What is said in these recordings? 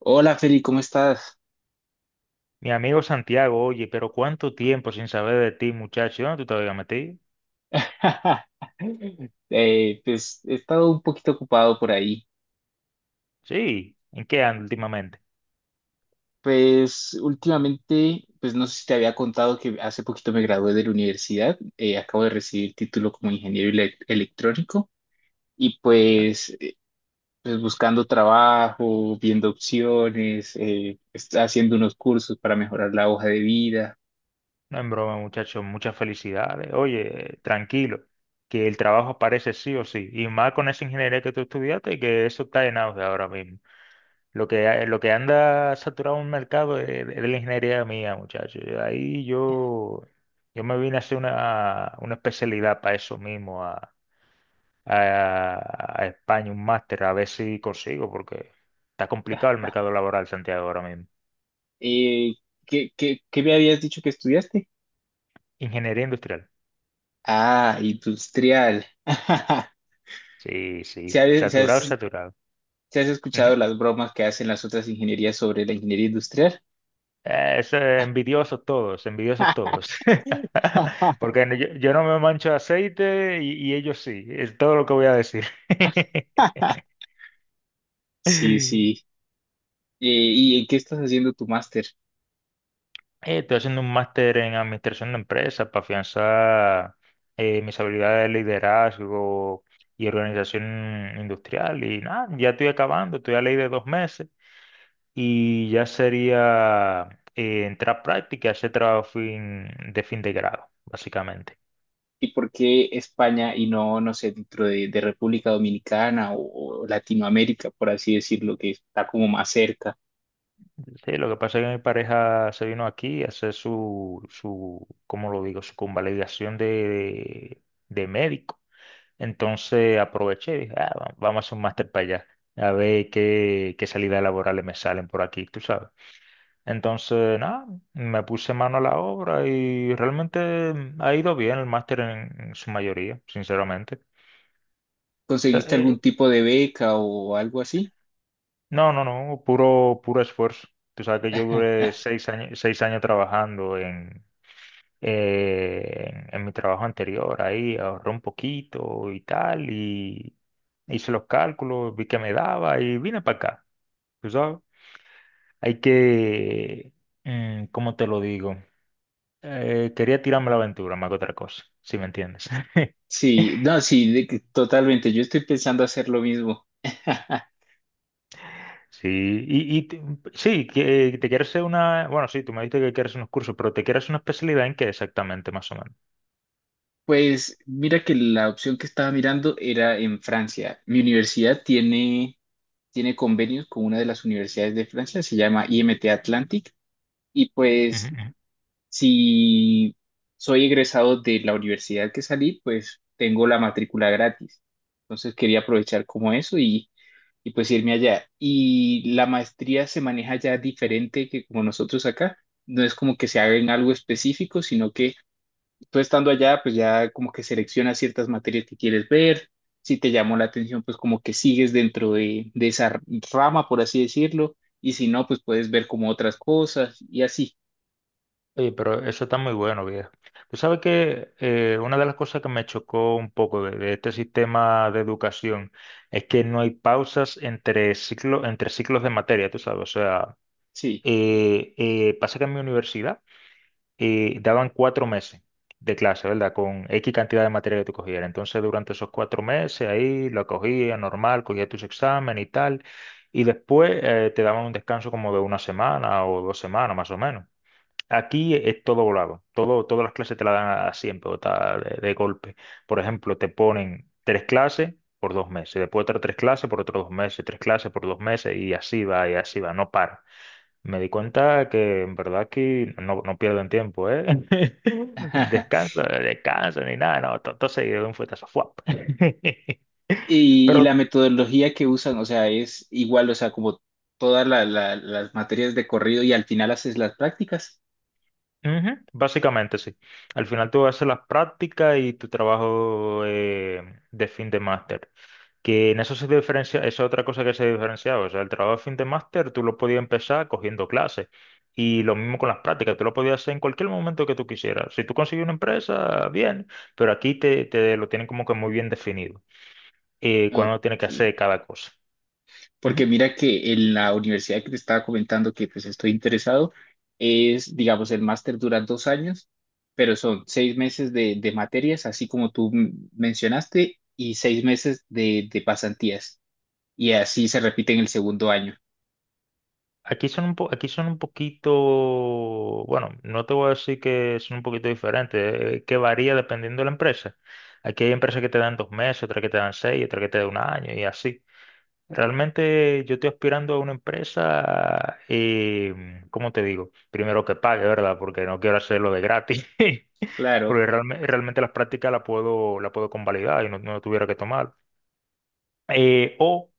Hola Feli, ¿cómo estás? Mi amigo Santiago, oye, pero cuánto tiempo sin saber de ti, muchacho. ¿Dónde tú te habías metido? Pues he estado un poquito ocupado por ahí. Sí, ¿en qué andas últimamente? Pues últimamente, pues no sé si te había contado que hace poquito me gradué de la universidad. Acabo de recibir título como ingeniero electrónico y pues, pues buscando trabajo, viendo opciones, haciendo unos cursos para mejorar la hoja de vida. No en broma, muchacho, muchas felicidades. Oye, tranquilo, que el trabajo aparece sí o sí. Y más con esa ingeniería que tú estudiaste, que eso está en auge ahora mismo. Lo que anda saturado en el mercado es la ingeniería mía, muchacho. Ahí yo me vine a hacer una especialidad para eso mismo, a España un máster a ver si consigo, porque está complicado el mercado laboral, Santiago, ahora mismo. Eh, ¿qué me habías dicho que estudiaste? Ingeniería industrial. Ah, industrial. Sí, ¿Se sí. Saturado, saturado. ¿Te has Ujú. escuchado las bromas que hacen las otras ingenierías sobre la ingeniería industrial? Envidiosos todos, envidiosos todos. Porque yo no me mancho de aceite y ellos sí, es todo lo que voy a decir. Sí, sí. ¿Y en qué estás haciendo tu máster? Estoy haciendo un máster en administración de empresas para afianzar mis habilidades de liderazgo y organización industrial. Y nada, ya estoy acabando, estoy a ley de 2 meses y ya sería entrar a práctica y hacer trabajo de fin de grado, básicamente. ¿Y por qué España y no, no sé, dentro de República Dominicana o Latinoamérica, por así decirlo, que está como más cerca? Sí, lo que pasa es que mi pareja se vino aquí a hacer su, ¿cómo lo digo? Su convalidación de médico. Entonces aproveché y dije: "Ah, vamos a hacer un máster para allá, a ver qué salidas laborales me salen por aquí, tú sabes". Entonces, nada, me puse mano a la obra y realmente ha ido bien el máster en su mayoría, sinceramente. O sea, ¿Conseguiste algún tipo de beca o algo así? no, no, no, puro, puro esfuerzo. Tú sabes que yo duré 6 años, 6 años trabajando en mi trabajo anterior, ahí ahorré un poquito y tal, y hice los cálculos, vi que me daba y vine para acá. Tú sabes. Hay que, ¿cómo te lo digo? Quería tirarme la aventura, más que otra cosa, si me entiendes. Sí, no, sí, de que totalmente. Yo estoy pensando hacer lo mismo. Sí, y, y t- sí, que te quieres hacer una, bueno, sí, tú me dijiste que quieres unos cursos, pero te quieres una especialidad en qué exactamente, más o menos. Pues mira que la opción que estaba mirando era en Francia. Mi tiene convenios con una de las universidades de Francia, se llama IMT Atlantic, y Ujú, pues ujú. si soy egresado de la universidad que salí, pues tengo la matrícula gratis. Entonces quería aprovechar como eso y pues irme allá. Y la maestría se maneja ya diferente que como nosotros acá. No es como que se haga en algo específico, sino que tú estando allá, pues ya como que seleccionas ciertas materias que quieres ver. Si te llamó la atención, pues como que sigues dentro de esa rama, por así decirlo. Y si no, pues puedes ver como otras cosas y así. Oye, pero eso está muy bueno, viejo. Tú sabes que una de las cosas que me chocó un poco de este sistema de educación es que no hay pausas entre ciclos de materia, tú sabes, o sea. Sí. Pasa que en mi universidad daban 4 meses de clase, ¿verdad? Con X cantidad de materia que tú cogieras. Entonces, durante esos 4 meses ahí lo cogía normal, cogía tus exámenes y tal. Y después te daban un descanso como de una semana o 2 semanas más o menos. Aquí es todo volado, todo, todas las clases te las dan así en pelota de golpe. Por ejemplo, te ponen tres clases por 2 meses, después otras tres clases por otros 2 meses, tres clases por 2 meses y así va, no para. Me di cuenta que en verdad aquí no, no pierden tiempo, ¿eh? Descanso, descanso, ni nada, no, todo todo seguido de un fuetazo, ¡fuap! Y, y Pero la metodología que usan, o sea, es igual, o sea, como todas las materias de corrido y al final haces las prácticas. ujú, básicamente sí. Al final tú haces las prácticas y tu trabajo de fin de máster. Que en eso se diferencia, esa es otra cosa que se diferenciaba. O sea, el trabajo de fin de máster tú lo podías empezar cogiendo clases. Y lo mismo con las prácticas, tú lo podías hacer en cualquier momento que tú quisieras. Si tú consigues una empresa, bien, pero aquí te lo tienen como que muy bien definido, cuándo tienes Ok. que hacer cada cosa. Ujú. Porque mira que en la universidad que te estaba comentando que pues estoy interesado, es, digamos, el máster dura dos años, pero son seis meses de materias, así como tú mencionaste, y seis meses de pasantías. Y así se repite en el segundo año. Aquí son un poquito, bueno, no te voy a decir que son un poquito diferentes, que varía dependiendo de la empresa. Aquí hay empresas que te dan 2 meses, otras que te dan seis, otras que te dan un año y así. Realmente yo estoy aspirando a una empresa, ¿cómo te digo? Primero que pague, ¿verdad? Porque no quiero hacerlo de gratis. Claro, Porque realmente las prácticas las puedo, la puedo convalidar y no, no tuviera que tomar. Eh, o,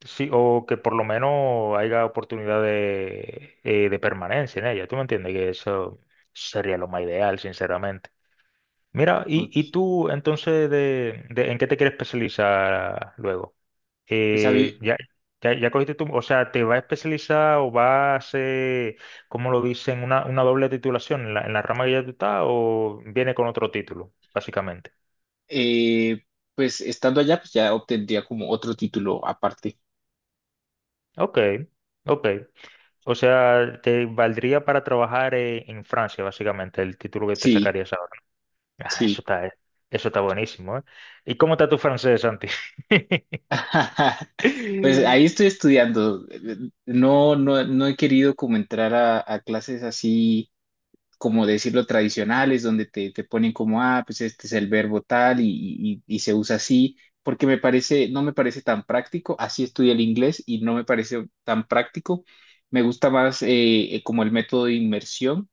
sí, o que por lo menos haya oportunidad de permanencia en ella. ¿Tú me entiendes? Que eso sería lo más ideal, sinceramente. Mira, y ok. tú entonces, ¿en qué te quieres especializar luego? Pues a mí, eh, ya, ya cogiste tu, o sea, te va a especializar o va a hacer, ¿cómo lo dicen? Una doble titulación en la rama que ya tú estás o viene con otro título, básicamente. eh, pues estando allá, pues ya obtendría como otro título aparte. Ok, ok. O sea, te valdría para trabajar en Francia, básicamente, el título que te Sí, sacarías ahora. Ah, sí. Eso está buenísimo, ¿eh? ¿Y cómo está tu francés, Santi? Pues ahí estoy estudiando. No, no, no he querido como entrar a clases así, como decirlo, tradicionales, donde te ponen como, ah, pues este es el verbo tal y, y se usa así, porque me parece, no me parece tan práctico. Así estudié el inglés y no me parece tan práctico. Me gusta más como el método de inmersión.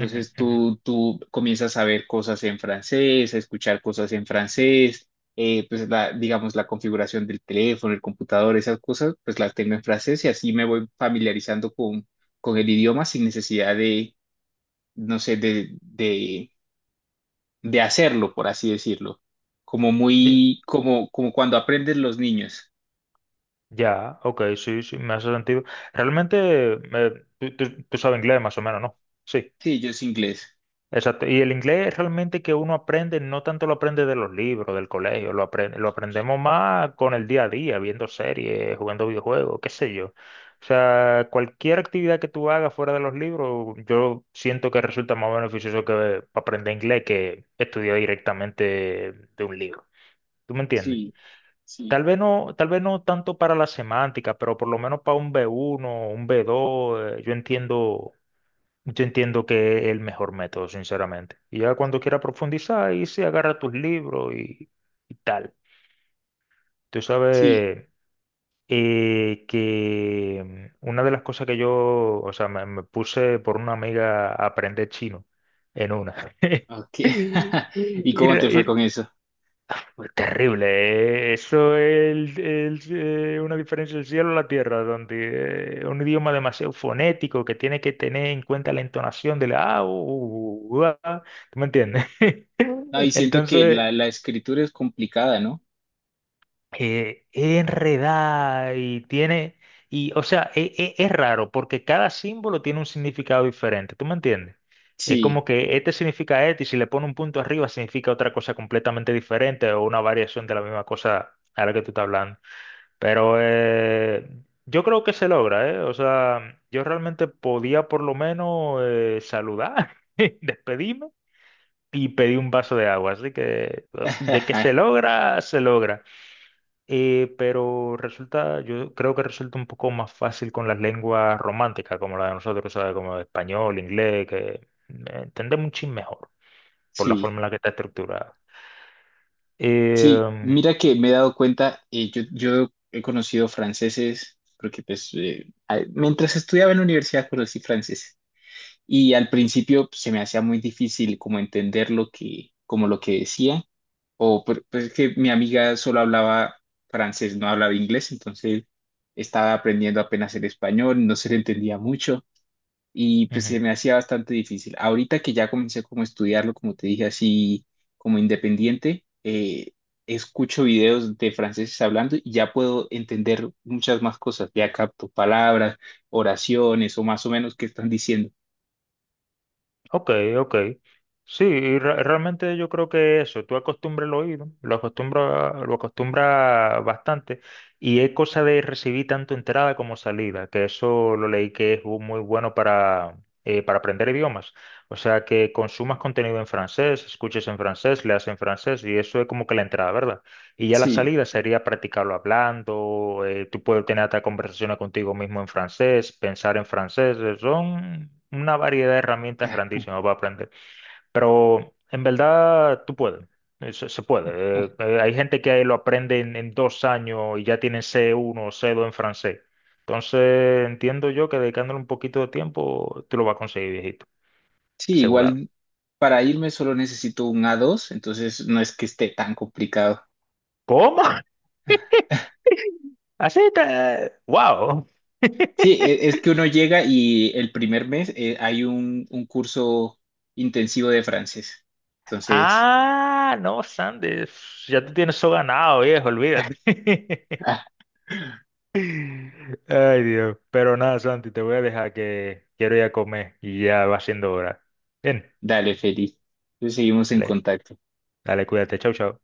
Ujú, ujú. tú comienzas a ver cosas en francés, a escuchar cosas en francés, pues la, digamos la configuración del teléfono, el computador, esas cosas, pues las tengo en francés y así me voy familiarizando con el idioma sin necesidad de, no sé, de hacerlo, por así decirlo. Como muy, como, como cuando aprenden los niños. Ya, ok, sí, sí, me hace sentido. Realmente, tú sabes inglés más o menos, ¿no? Sí, Sí, yo es inglés. exacto. Y el inglés realmente que uno aprende, no tanto lo aprende de los libros, del colegio, lo aprende, lo aprendemos más con el día a día, viendo series, jugando videojuegos, qué sé yo. O sea, cualquier actividad que tú hagas fuera de los libros, yo siento que resulta más beneficioso que aprender inglés que estudiar directamente de un libro. ¿Tú me entiendes? Sí, sí, Tal vez no tanto para la semántica, pero por lo menos para un B1, un B2, yo entiendo que es el mejor método, sinceramente. Y ya cuando quiera profundizar, ahí se agarra tus libros y tal. Tú sí. sabes que una de las cosas que yo, o sea, me puse por una amiga a aprender chino en una. Ok. ¿Y Y, cómo te fue con re- eso? Uy, terrible. Eso es una diferencia del cielo a la tierra, donde un idioma demasiado fonético que tiene que tener en cuenta la entonación de la A, u, u, u, a, ¿tú me entiendes? No, y siento que Entonces, la escritura es complicada, ¿no? Es enredada y tiene, y o sea, es, raro porque cada símbolo tiene un significado diferente, ¿tú me entiendes? Es Sí, como que este significa este y si le pone un punto arriba significa otra cosa completamente diferente o una variación de la misma cosa a la que tú estás hablando. Pero yo creo que se logra, ¿eh? O sea, yo realmente podía por lo menos saludar, despedirme y pedir un vaso de agua. Así que de que se logra, se logra. Pero resulta, yo creo que resulta un poco más fácil con las lenguas románticas, como la de nosotros, ¿sabes? Como español, inglés, que entendemos un chin mejor por la sí, forma en la que está estructurada. sí. Eh, Mira que me he dado cuenta, yo, yo he conocido franceses, porque pues mientras estudiaba en la universidad conocí franceses y al principio pues, se me hacía muy difícil como entender lo que, como lo que decía, o pues es que mi amiga solo hablaba francés, no hablaba inglés, entonces estaba aprendiendo apenas el español, no se le entendía mucho. Y pues se me Ujú. hacía bastante difícil. Ahorita que ya comencé como a estudiarlo, como te dije, así como independiente, escucho videos de franceses hablando y ya puedo entender muchas más cosas. Ya capto palabras, oraciones o más o menos qué están diciendo. Ok, ok. Sí, realmente yo creo que eso, tú acostumbras el oído, lo acostumbra bastante, y es cosa de recibir tanto entrada como salida, que eso lo leí que es un muy bueno para aprender idiomas. O sea, que consumas contenido en francés, escuches en francés, leas en francés, y eso es como que la entrada, ¿verdad? Y ya la Sí, salida sería practicarlo hablando, tú puedes tener hasta conversaciones contigo mismo en francés, pensar en francés, son una variedad de herramientas grandísimas para aprender. Pero en verdad tú puedes, se puede. Hay gente que lo aprende en 2 años y ya tienen C1 o C2 en francés. Entonces entiendo yo que dedicándole un poquito de tiempo, tú lo vas a conseguir, viejito, sí, asegurado. igual para irme solo necesito un a dos, entonces no es que esté tan complicado. ¿Cómo? Así está. ¡Wow! Sí, es que uno llega y el primer mes hay un curso intensivo de francés. Entonces, Ah, no, Sandy, ya te tienes eso ganado, viejo, olvídate. Ay, Dios. Pero nada, Santi, te voy a dejar que quiero ir a comer y ya va siendo hora. Bien, dale, feliz. Entonces seguimos en dale, contacto. dale, cuídate, chau, chau.